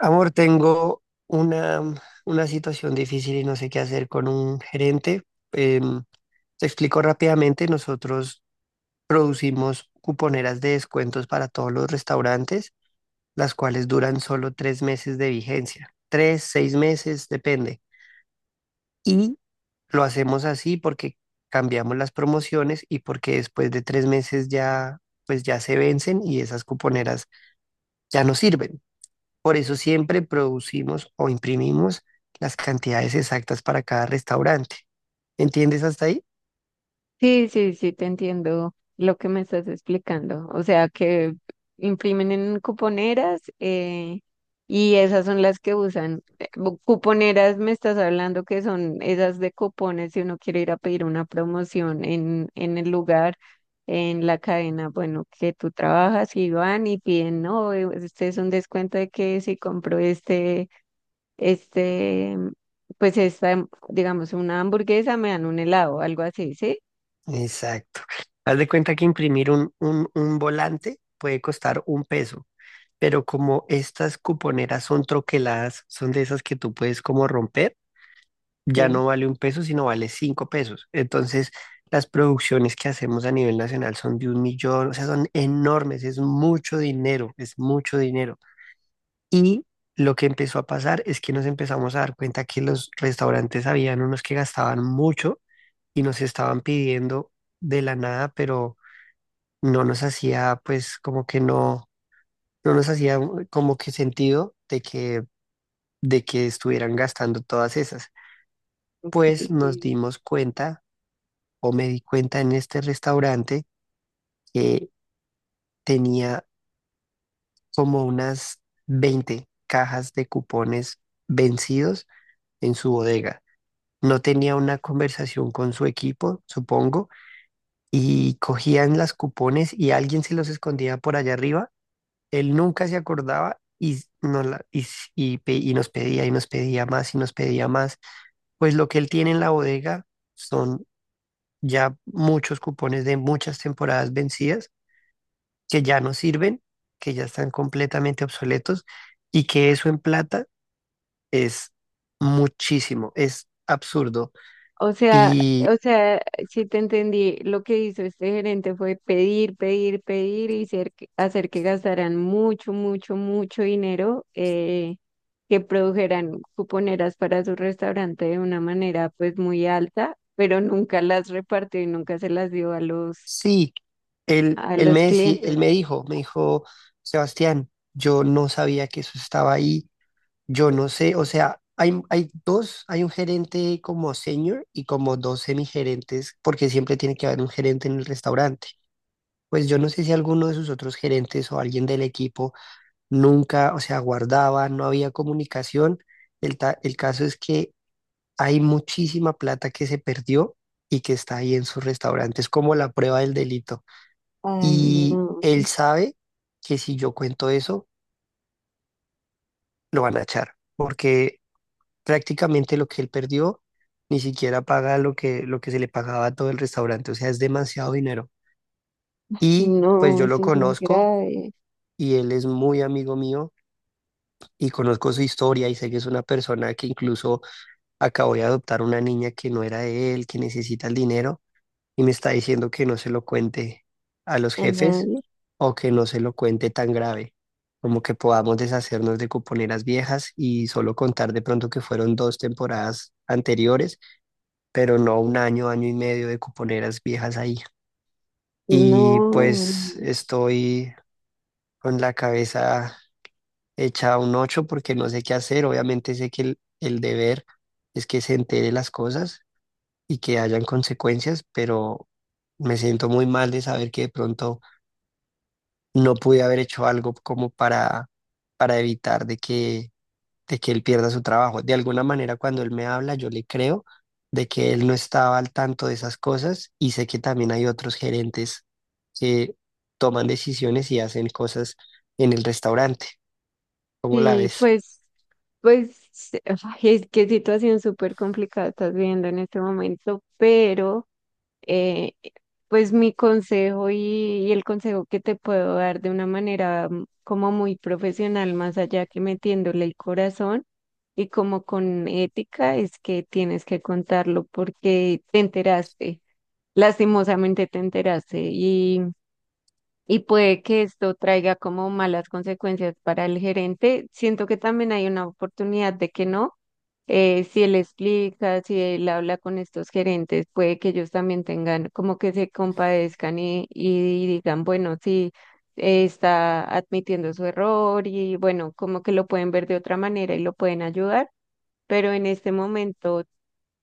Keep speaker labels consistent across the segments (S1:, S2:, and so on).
S1: Amor, tengo una situación difícil y no sé qué hacer con un gerente. Em, te explico rápidamente, nosotros producimos cuponeras de descuentos para todos los restaurantes, las cuales duran solo 3 meses de vigencia, 3, 6 meses, depende. Y lo hacemos así porque cambiamos las promociones y porque después de 3 meses ya, pues ya se vencen y esas cuponeras ya no sirven. Por eso siempre producimos o imprimimos las cantidades exactas para cada restaurante. ¿Entiendes hasta ahí?
S2: Sí, sí, sí, te entiendo lo que me estás explicando. O sea, que imprimen en cuponeras y esas son las que usan. Cuponeras me estás hablando que son esas de cupones si uno quiere ir a pedir una promoción en el lugar, en la cadena, bueno, que tú trabajas y van y piden, no, este es un descuento de que si compro este, pues esta, digamos, una hamburguesa, me dan un helado, algo así, ¿sí?
S1: Exacto. Haz de cuenta que imprimir un volante puede costar 1 peso, pero como estas cuponeras son troqueladas, son de esas que tú puedes como romper, ya
S2: Sí.
S1: no vale 1 peso, sino vale 5 pesos. Entonces, las producciones que hacemos a nivel nacional son de 1.000.000, o sea, son enormes, es mucho dinero, es mucho dinero. Y lo que empezó a pasar es que nos empezamos a dar cuenta que los restaurantes habían unos que gastaban mucho y nos estaban pidiendo de la nada, pero no nos hacía pues como que no, no nos hacía como que sentido de que estuvieran gastando todas esas. Pues
S2: Okay,
S1: nos
S2: sí.
S1: dimos cuenta o me di cuenta en este restaurante que tenía como unas 20 cajas de cupones vencidos en su bodega. No tenía una conversación con su equipo, supongo, y cogían las cupones y alguien se los escondía por allá arriba. Él nunca se acordaba y nos pedía y nos pedía más y nos pedía más. Pues lo que él tiene en la bodega son ya muchos cupones de muchas temporadas vencidas que ya no sirven, que ya están completamente obsoletos y que eso en plata es muchísimo, es absurdo. Y
S2: O sea, sí te entendí. Lo que hizo este gerente fue pedir, pedir, pedir y hacer que gastaran mucho, mucho, mucho dinero, que produjeran cuponeras para su restaurante de una manera pues muy alta, pero nunca las repartió y nunca se las dio a
S1: sí, él,
S2: a
S1: él
S2: los
S1: me deci- él
S2: clientes.
S1: me dijo, Sebastián, yo no sabía que eso estaba ahí, yo no sé, o sea, hay dos, hay un gerente como senior y como dos semigerentes, porque siempre tiene que haber un gerente en el restaurante. Pues yo no sé si alguno de sus otros gerentes o alguien del equipo nunca, o sea, guardaba, no había comunicación. El caso es que hay muchísima plata que se perdió y que está ahí en sus restaurantes, como la prueba del delito.
S2: Ay,
S1: Y
S2: no,
S1: él sabe que si yo cuento eso, lo van a echar, porque prácticamente lo que él perdió ni siquiera paga lo que se le pagaba a todo el restaurante, o sea, es demasiado dinero. Y pues
S2: no,
S1: yo lo
S2: eso es muy
S1: conozco
S2: grave.
S1: y él es muy amigo mío y conozco su historia y sé que es una persona que incluso acabó de adoptar una niña que no era de él, que necesita el dinero. Y me está diciendo que no se lo cuente a los
S2: A
S1: jefes
S2: nadie.
S1: o que no se lo cuente tan grave, como que podamos deshacernos de cuponeras viejas y solo contar de pronto que fueron 2 temporadas anteriores, pero no 1 año, año y medio de cuponeras viejas ahí. Y
S2: No.
S1: pues estoy con la cabeza hecha un ocho porque no sé qué hacer. Obviamente sé que el deber es que se entere las cosas y que hayan consecuencias, pero me siento muy mal de saber que de pronto no pude haber hecho algo como para evitar de que él pierda su trabajo. De alguna manera, cuando él me habla, yo le creo de que él no estaba al tanto de esas cosas y sé que también hay otros gerentes que toman decisiones y hacen cosas en el restaurante. ¿Cómo la
S2: Sí,
S1: ves?
S2: pues. Pues sí, ay, es que situación súper complicada estás viviendo en este momento, pero eh, pues mi consejo y el consejo que te puedo dar de una manera mm, como muy profesional, más allá que metiéndole el corazón y como con ética, es que tienes que contarlo porque te enteraste, lastimosamente te enteraste y... Y puede que esto traiga como malas consecuencias para el gerente. Siento que también hay una oportunidad de que no, si él explica, si él habla con estos gerentes, puede que ellos también tengan como que se compadezcan y digan, bueno, sí, está admitiendo su error y bueno, como que lo pueden ver de otra manera y lo pueden ayudar, pero en este momento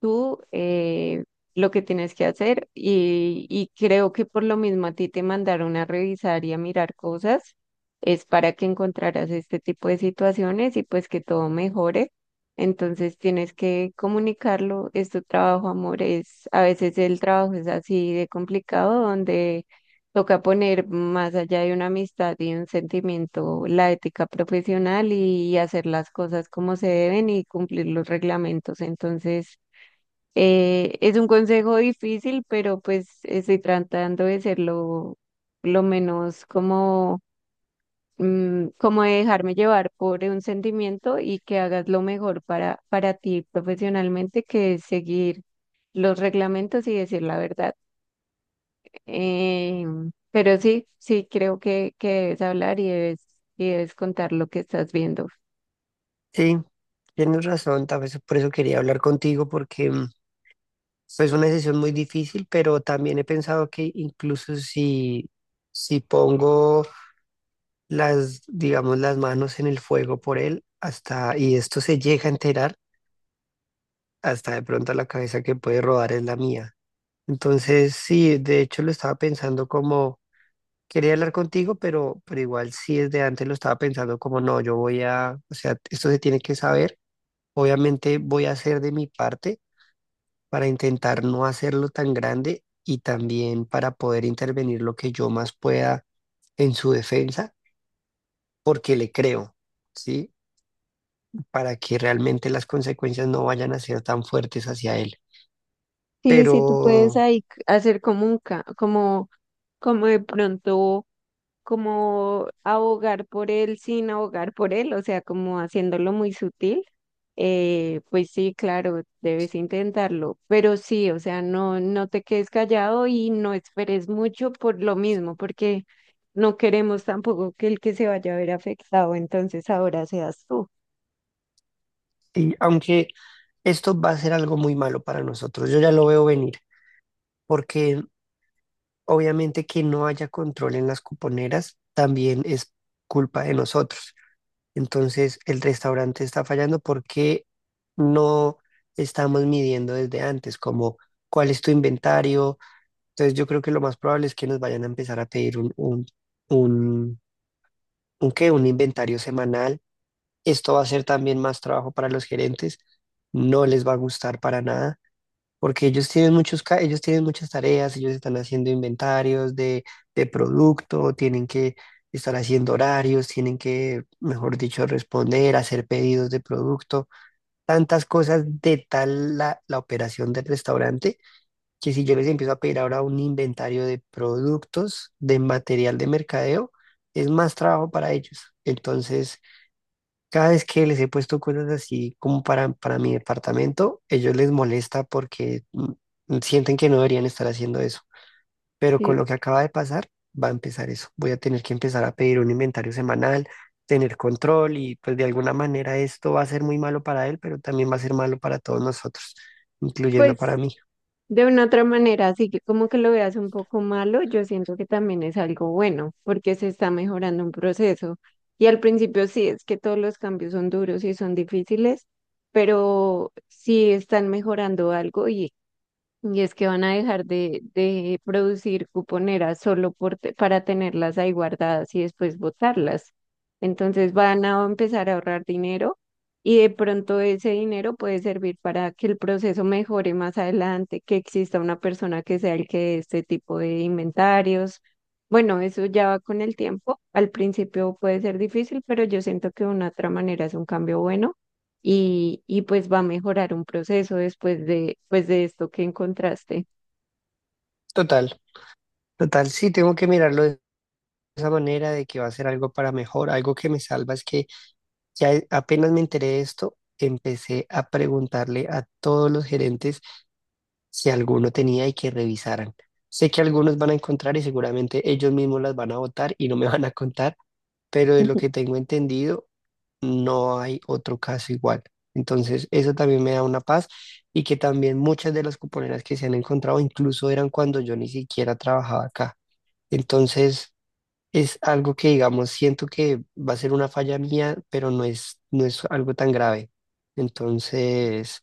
S2: tú lo que tienes que hacer y creo que por lo mismo a ti te mandaron a revisar y a mirar cosas, es para que encontraras este tipo de situaciones y pues que todo mejore. Entonces tienes que comunicarlo, es tu trabajo, amor, es, a veces el trabajo es así de complicado, donde toca poner más allá de una amistad y un sentimiento, la ética profesional y hacer las cosas como se deben y cumplir los reglamentos. Entonces, es un consejo difícil, pero pues estoy tratando de ser lo menos como, mm, como de dejarme llevar por un sentimiento y que hagas lo mejor para ti profesionalmente, que es seguir los reglamentos y decir la verdad. Eh, pero sí, sí, creo que debes hablar y debes contar lo que estás viendo.
S1: Sí, tienes razón, tal vez por eso quería hablar contigo porque es una decisión muy difícil, pero también he pensado que incluso si pongo las, digamos, las manos en el fuego por él hasta, y esto se llega a enterar hasta de pronto la cabeza que puede rodar es la mía. Entonces, sí, de hecho lo estaba pensando como, quería hablar contigo, pero igual sí desde antes lo estaba pensando como, no, yo voy a, o sea, esto se tiene que saber, obviamente voy a hacer de mi parte para intentar no hacerlo tan grande y también para poder intervenir lo que yo más pueda en su defensa, porque le creo. ¿Sí? Para que realmente las consecuencias no vayan a ser tan fuertes hacia él.
S2: Sí,
S1: Pero,
S2: sí, tú puedes ahí hacer como como, como de pronto. Como abogar por él sin abogar por él, o sea, como haciéndolo muy sutil, pues sí, claro, debes intentarlo, pero sí, o sea, no, no te quedes callado y no esperes mucho por lo mismo, porque no queremos tampoco que el que se vaya a ver afectado, entonces ahora seas tú.
S1: y aunque esto va a ser algo muy malo para nosotros, yo ya lo veo venir, porque obviamente que no haya control en las cuponeras también es culpa de nosotros. Entonces, el restaurante está fallando porque no estamos midiendo desde antes, como cuál es tu inventario. Entonces, yo creo que lo más probable es que nos vayan a empezar a pedir un, un, ¿qué? Un inventario semanal. Esto va a ser también más trabajo para los gerentes, no les va a gustar para nada, porque ellos tienen muchas tareas, ellos están haciendo inventarios de producto, tienen que estar haciendo horarios, tienen que, mejor dicho, responder, hacer pedidos de producto, tantas cosas de tal la operación del restaurante, que si yo les empiezo a pedir ahora un inventario de productos, de material de mercadeo, es más trabajo para ellos. Entonces... Cada vez que les he puesto cosas así como para mi departamento, ellos les molesta porque sienten que no deberían estar haciendo eso. Pero con
S2: Sí.
S1: lo que acaba de pasar, va a empezar eso. Voy a tener que empezar a pedir un inventario semanal, tener control y pues de alguna manera esto va a ser muy malo para él, pero también va a ser malo para todos nosotros, incluyendo para
S2: Pues
S1: mí.
S2: de una otra manera, así que como que lo veas un poco malo, yo siento que también es algo bueno, porque se está mejorando un proceso. Y al principio sí, es que todos los cambios son duros y son difíciles, pero sí están mejorando algo y es que van a dejar de producir cuponeras solo para tenerlas ahí guardadas y después botarlas. Entonces van a empezar a ahorrar dinero y de pronto ese dinero puede servir para que el proceso mejore más adelante, que exista una persona que sea el que dé este tipo de inventarios. Bueno, eso ya va con el tiempo. Al principio puede ser difícil, pero yo siento que de una otra manera es un cambio bueno y pues va a mejorar un proceso después de, pues de esto que encontraste.
S1: Total, total, sí, tengo que mirarlo de esa manera de que va a ser algo para mejor. Algo que me salva es que apenas me enteré de esto, empecé a preguntarle a todos los gerentes si alguno tenía y que revisaran. Sé que algunos van a encontrar y seguramente ellos mismos las van a votar y no me van a contar, pero de lo que tengo entendido, no hay otro caso igual. Entonces, eso también me da una paz y que también muchas de las cuponeras que se han encontrado incluso eran cuando yo ni siquiera trabajaba acá. Entonces, es algo que, digamos, siento que va a ser una falla mía, pero no es algo tan grave. Entonces,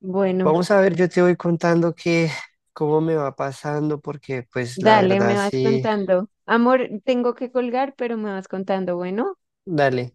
S2: Bueno,
S1: vamos a ver, yo te voy contando que cómo me va pasando, porque pues la
S2: dale,
S1: verdad
S2: me vas
S1: sí,
S2: contando. Amor, tengo que colgar, pero me vas contando, bueno.
S1: dale.